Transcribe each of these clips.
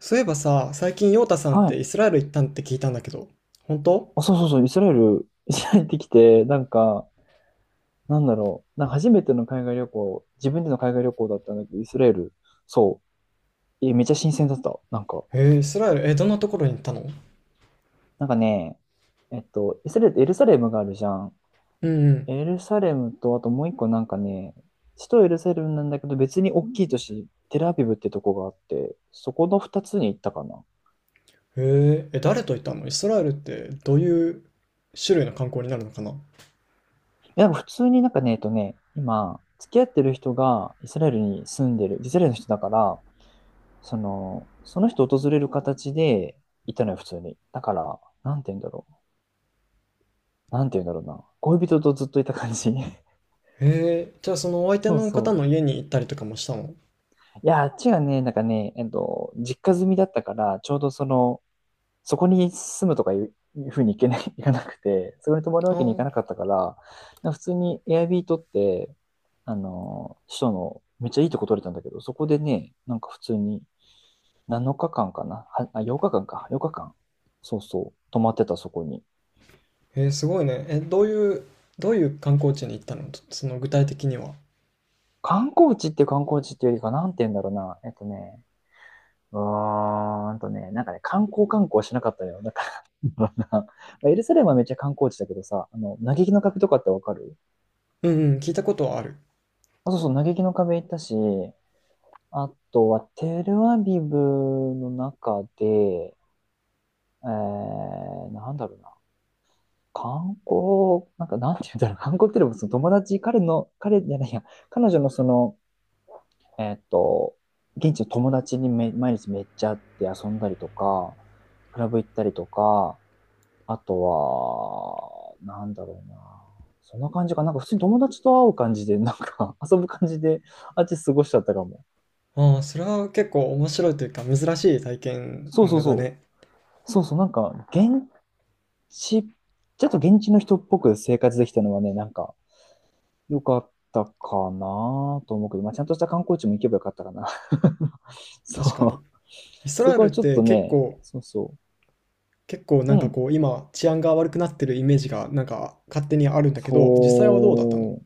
そういえばさ、最近ヨータさんっはてい。イスラエル行ったんって聞いたんだけど、本当？あ、そうそうそう、イスラエル、イスラエル行ってきて、なんか、なんか初めての海外旅行、自分での海外旅行だったんだけど、イスラエル、そう、めっちゃ新鮮だった。なんか、イスラエル、どんなところに行ったの？なんかね、イスラエル、エルサレムがあるじゃん。うんうん。エルサレムと、あともう一個なんかね、首都エルサレムなんだけど、別に大きい都市、テルアビブってとこがあって、そこの二つに行ったかな。誰と行ったの？イスラエルってどういう種類の観光になるのかな？なんか普通になんかね、今、付き合ってる人がイスラエルに住んでる、イスラエルの人だから、その人訪れる形でいたのよ、普通に。だから、なんて言うんだろう。なんて言うんだろうな。恋人とずっといた感じ。じゃあそのお相手そうの方その家に行ったりとかもしたの？う。いや、あっちがね、なんかね、実家住みだったから、ちょうどその、そこに住むとかいう、いうふうにいけない、いかなくて、そこに泊まるわあけにいかあ、なかったから、なんか普通に Airb 取って、あの、首都のめっちゃいいとこ取れたんだけど、そこでね、なんか普通に7日間かんかな、はあ、8日間かんか、8日間、そうそう、泊まってたそこに。すごいね。どういう観光地に行ったの？その具体的には。観光地っていう観光地っていうよりか、なんて言うんだろうな。なんかね、観光観光しなかったのよ。だからな、まあエルサレムはめっちゃ観光地だけどさ、あの、嘆きの壁とかってわかる？うんうん、聞いたことはある。あ、そうそう、嘆きの壁行ったし、あとはテルアビブの中で、なんだろうな。観光、なんかなんて言うんだろう。観光っていうのもその友達、彼の、彼じゃないや、彼女のその、えっと、現地の友達にめ、毎日めっちゃ会って遊んだりとか、クラブ行ったりとか、あとは、なんだろうな。そんな感じかな。なんか普通に友達と会う感じで、なんか 遊ぶ感じで、あっち過ごしちゃったかも。ああ、それは結構面白いというか珍しい体験そうそうだそね。う。そうそう、なんか、現地、ちょっと現地の人っぽく生活できたのはね、なんか、良かったかなと思うけど、まあ、ちゃんとした観光地も行けばよかったかな。確かに。そう。イスそラエこルはっちょってと結ね、構そうそ結構なう。んうかん。こう今治安が悪くなってるイメージがなんか勝手にあるんだけど、実際はどうだったその？う。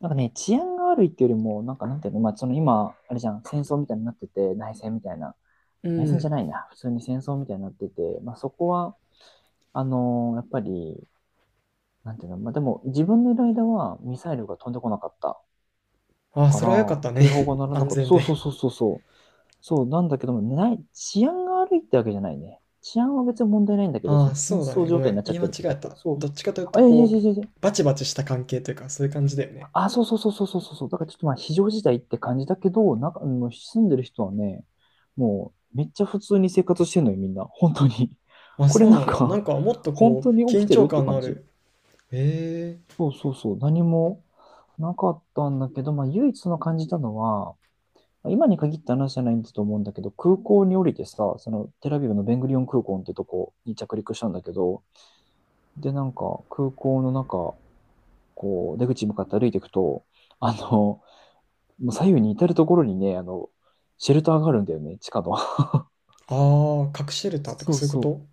なんかね、治安が悪いっていうよりも、なんかなんていうの、まあ、その今、あれじゃん、戦争みたいになってて、内戦みたいな。う内戦じゃん。ないな。普通に戦争みたいになってて、まあ、そこは、やっぱり、なんていうの、まあ、でも自分のいる間はミサイルが飛んでこなかったああ、かそら、れは良かったね。警報が 鳴らな安かった。全そで。うそうそうそうそう。そうなんだけども、ない、治安が悪いってわけじゃないね。治安は別に問題ないんだけど、あそあ、の戦そうだ争ね。ご状め態にん。なっちゃ言っいて間違るってえだけ。た。そう。どっちかというとあ、いやいやいこう、やいやいや、バチバチした関係というか、そういう感じだよね。あ、そうそうそうそうそうそう。だからちょっとまあ非常事態って感じだけど、なんか、あの住んでる人はね、もうめっちゃ普通に生活してんのよ、みんな。本当に。あ、これそうなんなんだ。なか、んかもっと本こ当う、に起緊きてる張って感の感あじ。る。ええー。そうそうそう。何もなかったんだけど、まあ唯一その感じたのは、まあ今に限った話じゃないんだと思うんだけど、空港に降りてさ、そのテラビブのベングリオン空港ってとこに着陸したんだけど、で、なんか空港の中、こう出口に向かって歩いていくと、あの、もう左右に至るところにね、あの、シェルターがあるんだよね、地下の。ああ、核シェルターとかそうそういうこそう。と？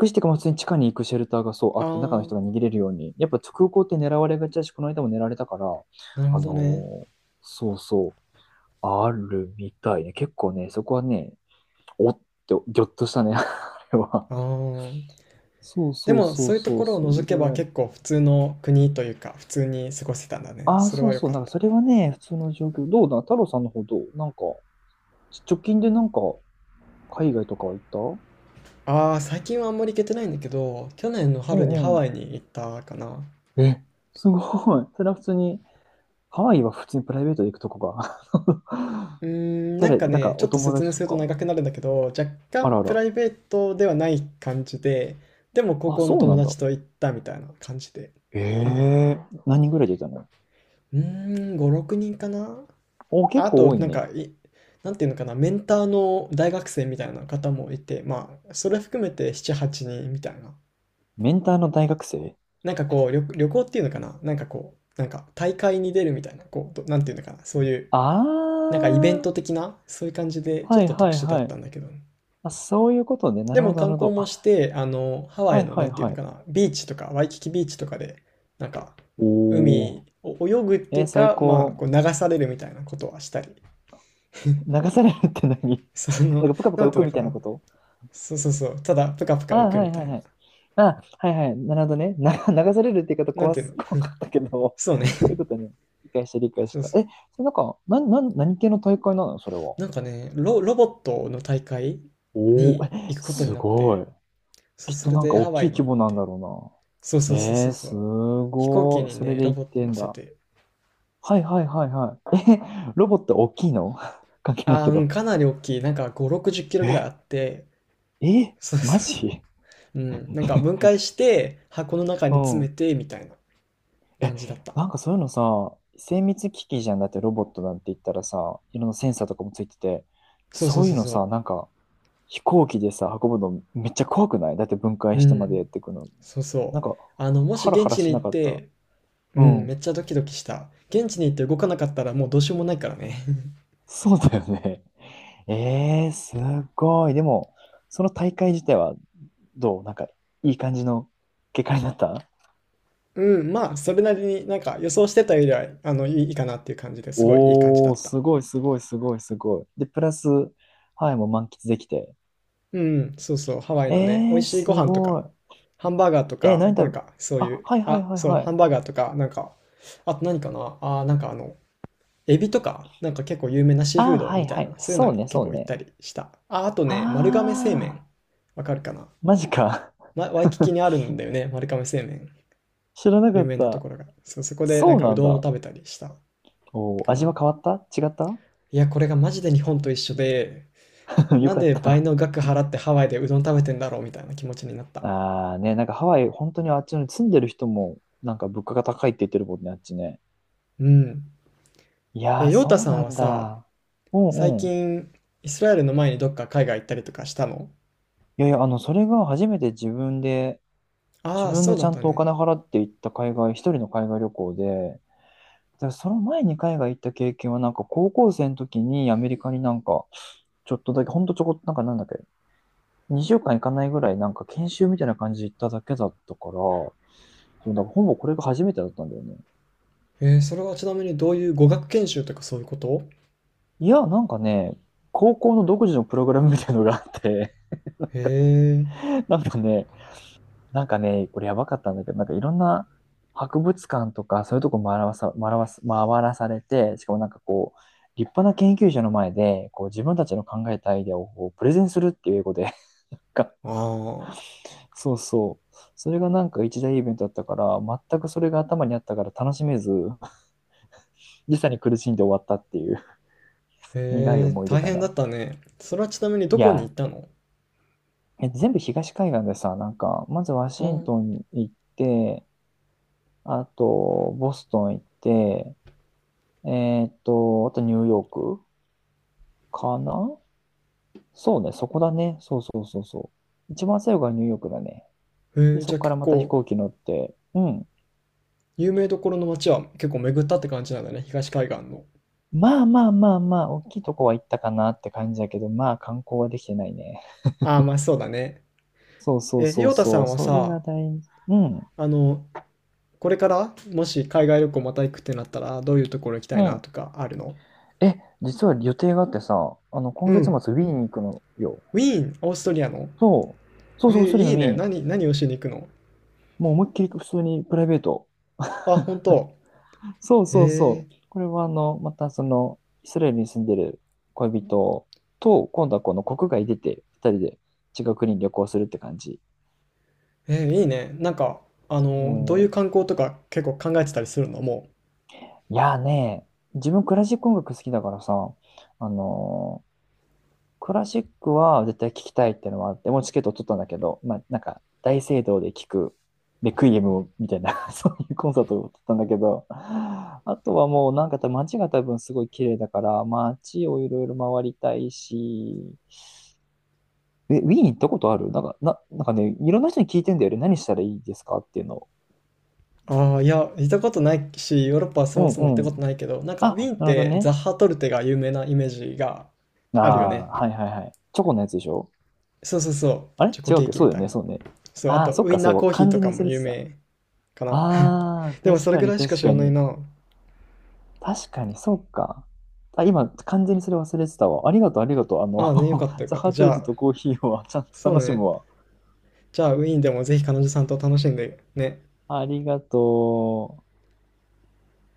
隠してか、ま普通に地下に行くシェルターがそうああって、中の人あ、が逃げれるように。やっぱ空港って狙われがちだし、この間も狙われたから、なるあほどね。のーそうそう、あるみたいね。結構ね、そこはね、おっって、ぎょっとしたね、あれは。ああ。そうでそうもそそうういうとそう、ころをそれ除けぐばらい。結構普通の国というか、普通に過ごせたんだね。ああ、それそはう良そう、かっなんかた。それはね、普通の状況。どうだ、太郎さんの方どうなんか、ち直近でなんか、海外とかは行った？ああ、最近はあんまり行けてないんだけど、去年のう春にハん。ワイに行ったかな。え、すごい。それは普通に、ハワイは普通にプライベートで行くとこが。うーん、なん誰、かなんね、かちょおっと友説達明とするとか。長くなるんだけど、若あ干らあプら。ライベートではない感じで、でも高あ、校のそう友なんだ。達と行ったみたいな感じで。え、うん。え、何人ぐらい出たの？うーん、5、6人かな。お、あ結あ構と、多いなんか、ね。なんていうのかな、メンターの大学生みたいな方もいて、まあ、それ含めて7、8人みたいな。メンターの大学生？なんかこう、旅行っていうのかな、なんかこう、なんか大会に出るみたいな、こう、なんていうのかな、そういうあなんかイベンあー、ト的な、そういう感じで、ちょはっいとは特い殊だっはたい。んだけど。あ、そういうことね。なでるもほど、な観るほ光ど。もあ、して、あの、ハワはイいの、はないんていうはのかい。な、ビーチとか、ワイキキビーチとかで、なんか、お海お。を泳ぐってえいーう最か、まあ、こう高。流されるみたいなことはしたり、流されるって何？ そなんの、かプカプなカん浮ていくうのみかたいなな、こと？そうそうそう、ただ、ぷかぷかあ、浮くはみいたはいいはな。い。あ、はいはい。なるほどね。な、流されるって言い方なん怖ていうす、の、怖かったけど、そそうね、ういう ことね。理解した、理解しそうた。そう。え、それなんか、なん、なん、何系の大会なのそれは。なんかね、ロボットの大会おお、にえ、行くことにすなっごて、い。きっそとれなんかで大ハきワイいに規行っ模なんて、だろそううそな。うそうえそうー、そすう。飛行機ごい。にそれね、でロ行っボットて乗んせだ。て、はいはいはいはい。え、ロボット大きいの 関係ないああ、けうん、ど。かなり大きい。なんか5、60キロぐらいあえ、って、え、そうマそうそジ？ う。うん、なんか分解 して、箱の中うに詰めん。て、みたいな感じだった。なんかそういうのさ、精密機器じゃんだってロボットなんて言ったらさ、いろんなセンサーとかもついてて、そうそそうういそううのさ、そなんか飛行機でさ、運ぶのめっちゃ怖くない？だって分う。解うしてまでん、やっていくの。そうなんそう。か、あの、もしハラ現ハラ地にし行なっかった？て、ううん、めん。っちゃドキドキした。現地に行って動かなかったらもうどうしようもないからね。そうだよね。えー、すごい。でも、その大会自体はどうなんか、いい感じの結果になった？うん、まあ、それなりになんか予想してたよりは、あの、いいいいかなっていう感じですごいいい感じだおー、った。すごいすごいすごいすごい。で、プラス、はい、もう満喫できて。うん、そうそう、ハワイのね、美え味ー、しいすご飯とか、ごい。ハンバーガーとえ、か、何なん食べ、かそういあ、う、はいはいあ、はいそう、はハい。ンバーガーとか、なんか、あと何かな、あー、なんかあの、エビとか、なんか結構有名なシーフーあ、ドはみいたいはな、い。そういうのそうにね、そ結う構行ったね。りした。あ、あとね、丸亀製あ麺、わかるかな、ー、マジか。ま、ワイキキに あるんだよね、丸亀製麺、知らなか有っ名なとた。ころが。そう、そこでなそんうかうなんどんをだ。食べたりしたおー、か味はな。変わった？違った？ いや、これがマジで日本と一緒で、よなんかっで倍た。の額払ってハワイでうどん食べてんだろうみたいな気持ちになった。あーね、なんかハワイ、本当にあっちの住んでる人も、なんか物価が高いって言ってるもんね、あっちね。うん。いやー、ヨータそうさんなはんさ、だ。うん最うん。近、イスラエルの前にどっか海外行ったりとかしたの？いやいや、あの、それが初めて自分で、自ああ分そうでだちっゃんたとおね。金払って行った海外、一人の海外旅行で、でその前に海外行った経験は、なんか高校生の時にアメリカになんか、ちょっとだけ、ほんとちょこっと、なんかなんだっけ、2週間行かないぐらい、なんか研修みたいな感じで行っただけだったから、そう、だからほぼこれが初めてだったんだよね。それはちなみにどういう語学研修とかそういうこと？いや、なんかね、高校の独自のプログラムみたいなのがあって、へえ、なんかね、なんかね、これやばかったんだけど、なんかいろんな博物館とか、そういうとこ回らされて、しかもなんかこう、立派な研究者の前で、こう自分たちの考えたアイデアをこうプレゼンするっていう英語でか、ああ、そうそう。それがなんか一大イベントだったから、全くそれが頭にあったから楽しめず、時差に苦しんで終わったっていう 苦いへえ、思い出大か変だな。ったね。それはちなみにいどこに行や、ったの？え、全部東海岸でさ、なんか、まずワあシンあトン行って、あと、ボストン行って、あとニューヨークかな。そうね、そこだね。そうそうそうそう。一番最後がニューヨークだね。ー、で、へえ、そじゃこあから結また飛構、行機乗って、うん。有名どころの街は結構巡ったって感じなんだね、東海岸の。まあまあまあまあ、大きいとこは行ったかなって感じだけど、まあ観光はできてないね。ああ、まあそうだね。そうそうそヨうータさそう、んはそれがさ、大事。うん、あの、これからもし海外旅行また行くってなったら、どういうところ行きたいうなん。とかあるの？え、実は予定があってさ、あの、今う月末、ん。ウィーンに行くのよ。ウィーン、オーストリアの。そう、そえうそう、ー、それいのいね。み、何をしに行くの？もう思いっきり普通にプライベート。あ、本当？そうそうそえう。これはあの、またその、イスラエルに住んでる恋人と、今度はこの国外出て、二人で違う国に旅行するって感じ。えー、いいね。なんか、あもの、どういうう観光とか結構考えてたりするのもいやーね、自分クラシック音楽好きだからさ、あのークラシックは絶対聞きたいってのはあって、もうチケット取ったんだけど、まあなんか大聖堂で聞くレクイエムみたいな そういうコンサートを取ったんだけど、あとはもうなんか多分街が多分すごい綺麗だから、街をいろいろ回りたいし、え、ウィーン行ったことある？なんか、な、なんかね、いろんな人に聞いてんだよね。何したらいいですかっていうのを。う？ああ、いや、行ったことないし、ヨーロッパはそうもそも行ったんうことん。ないけど、なんか、ウィあ、ーンっなるほどてザッね。ハトルテが有名なイメージがああるよあ、ね。はいはいはい。チョコのやつでしょ？そうそうそあう。れチョコ違うケっーけ？キそうみだたよいね、な。そうね。そう、あああ、と、そっウイか、ンそナれーコはーヒー完と全にか忘もれ有てた。名かな。ああ、でも、確それかぐにらいしか確知からないに。な。確かに、そうか。あ、今、完全にそれ忘れてたわ。ありがとう、ありがとう。あの、ああね、よかった よザかった。ハじトレゃットあ、とコーヒーはちゃんとそう楽しね。むわ。じゃあ、ウィーンでもぜひ彼女さんと楽しんでね。ありがとう。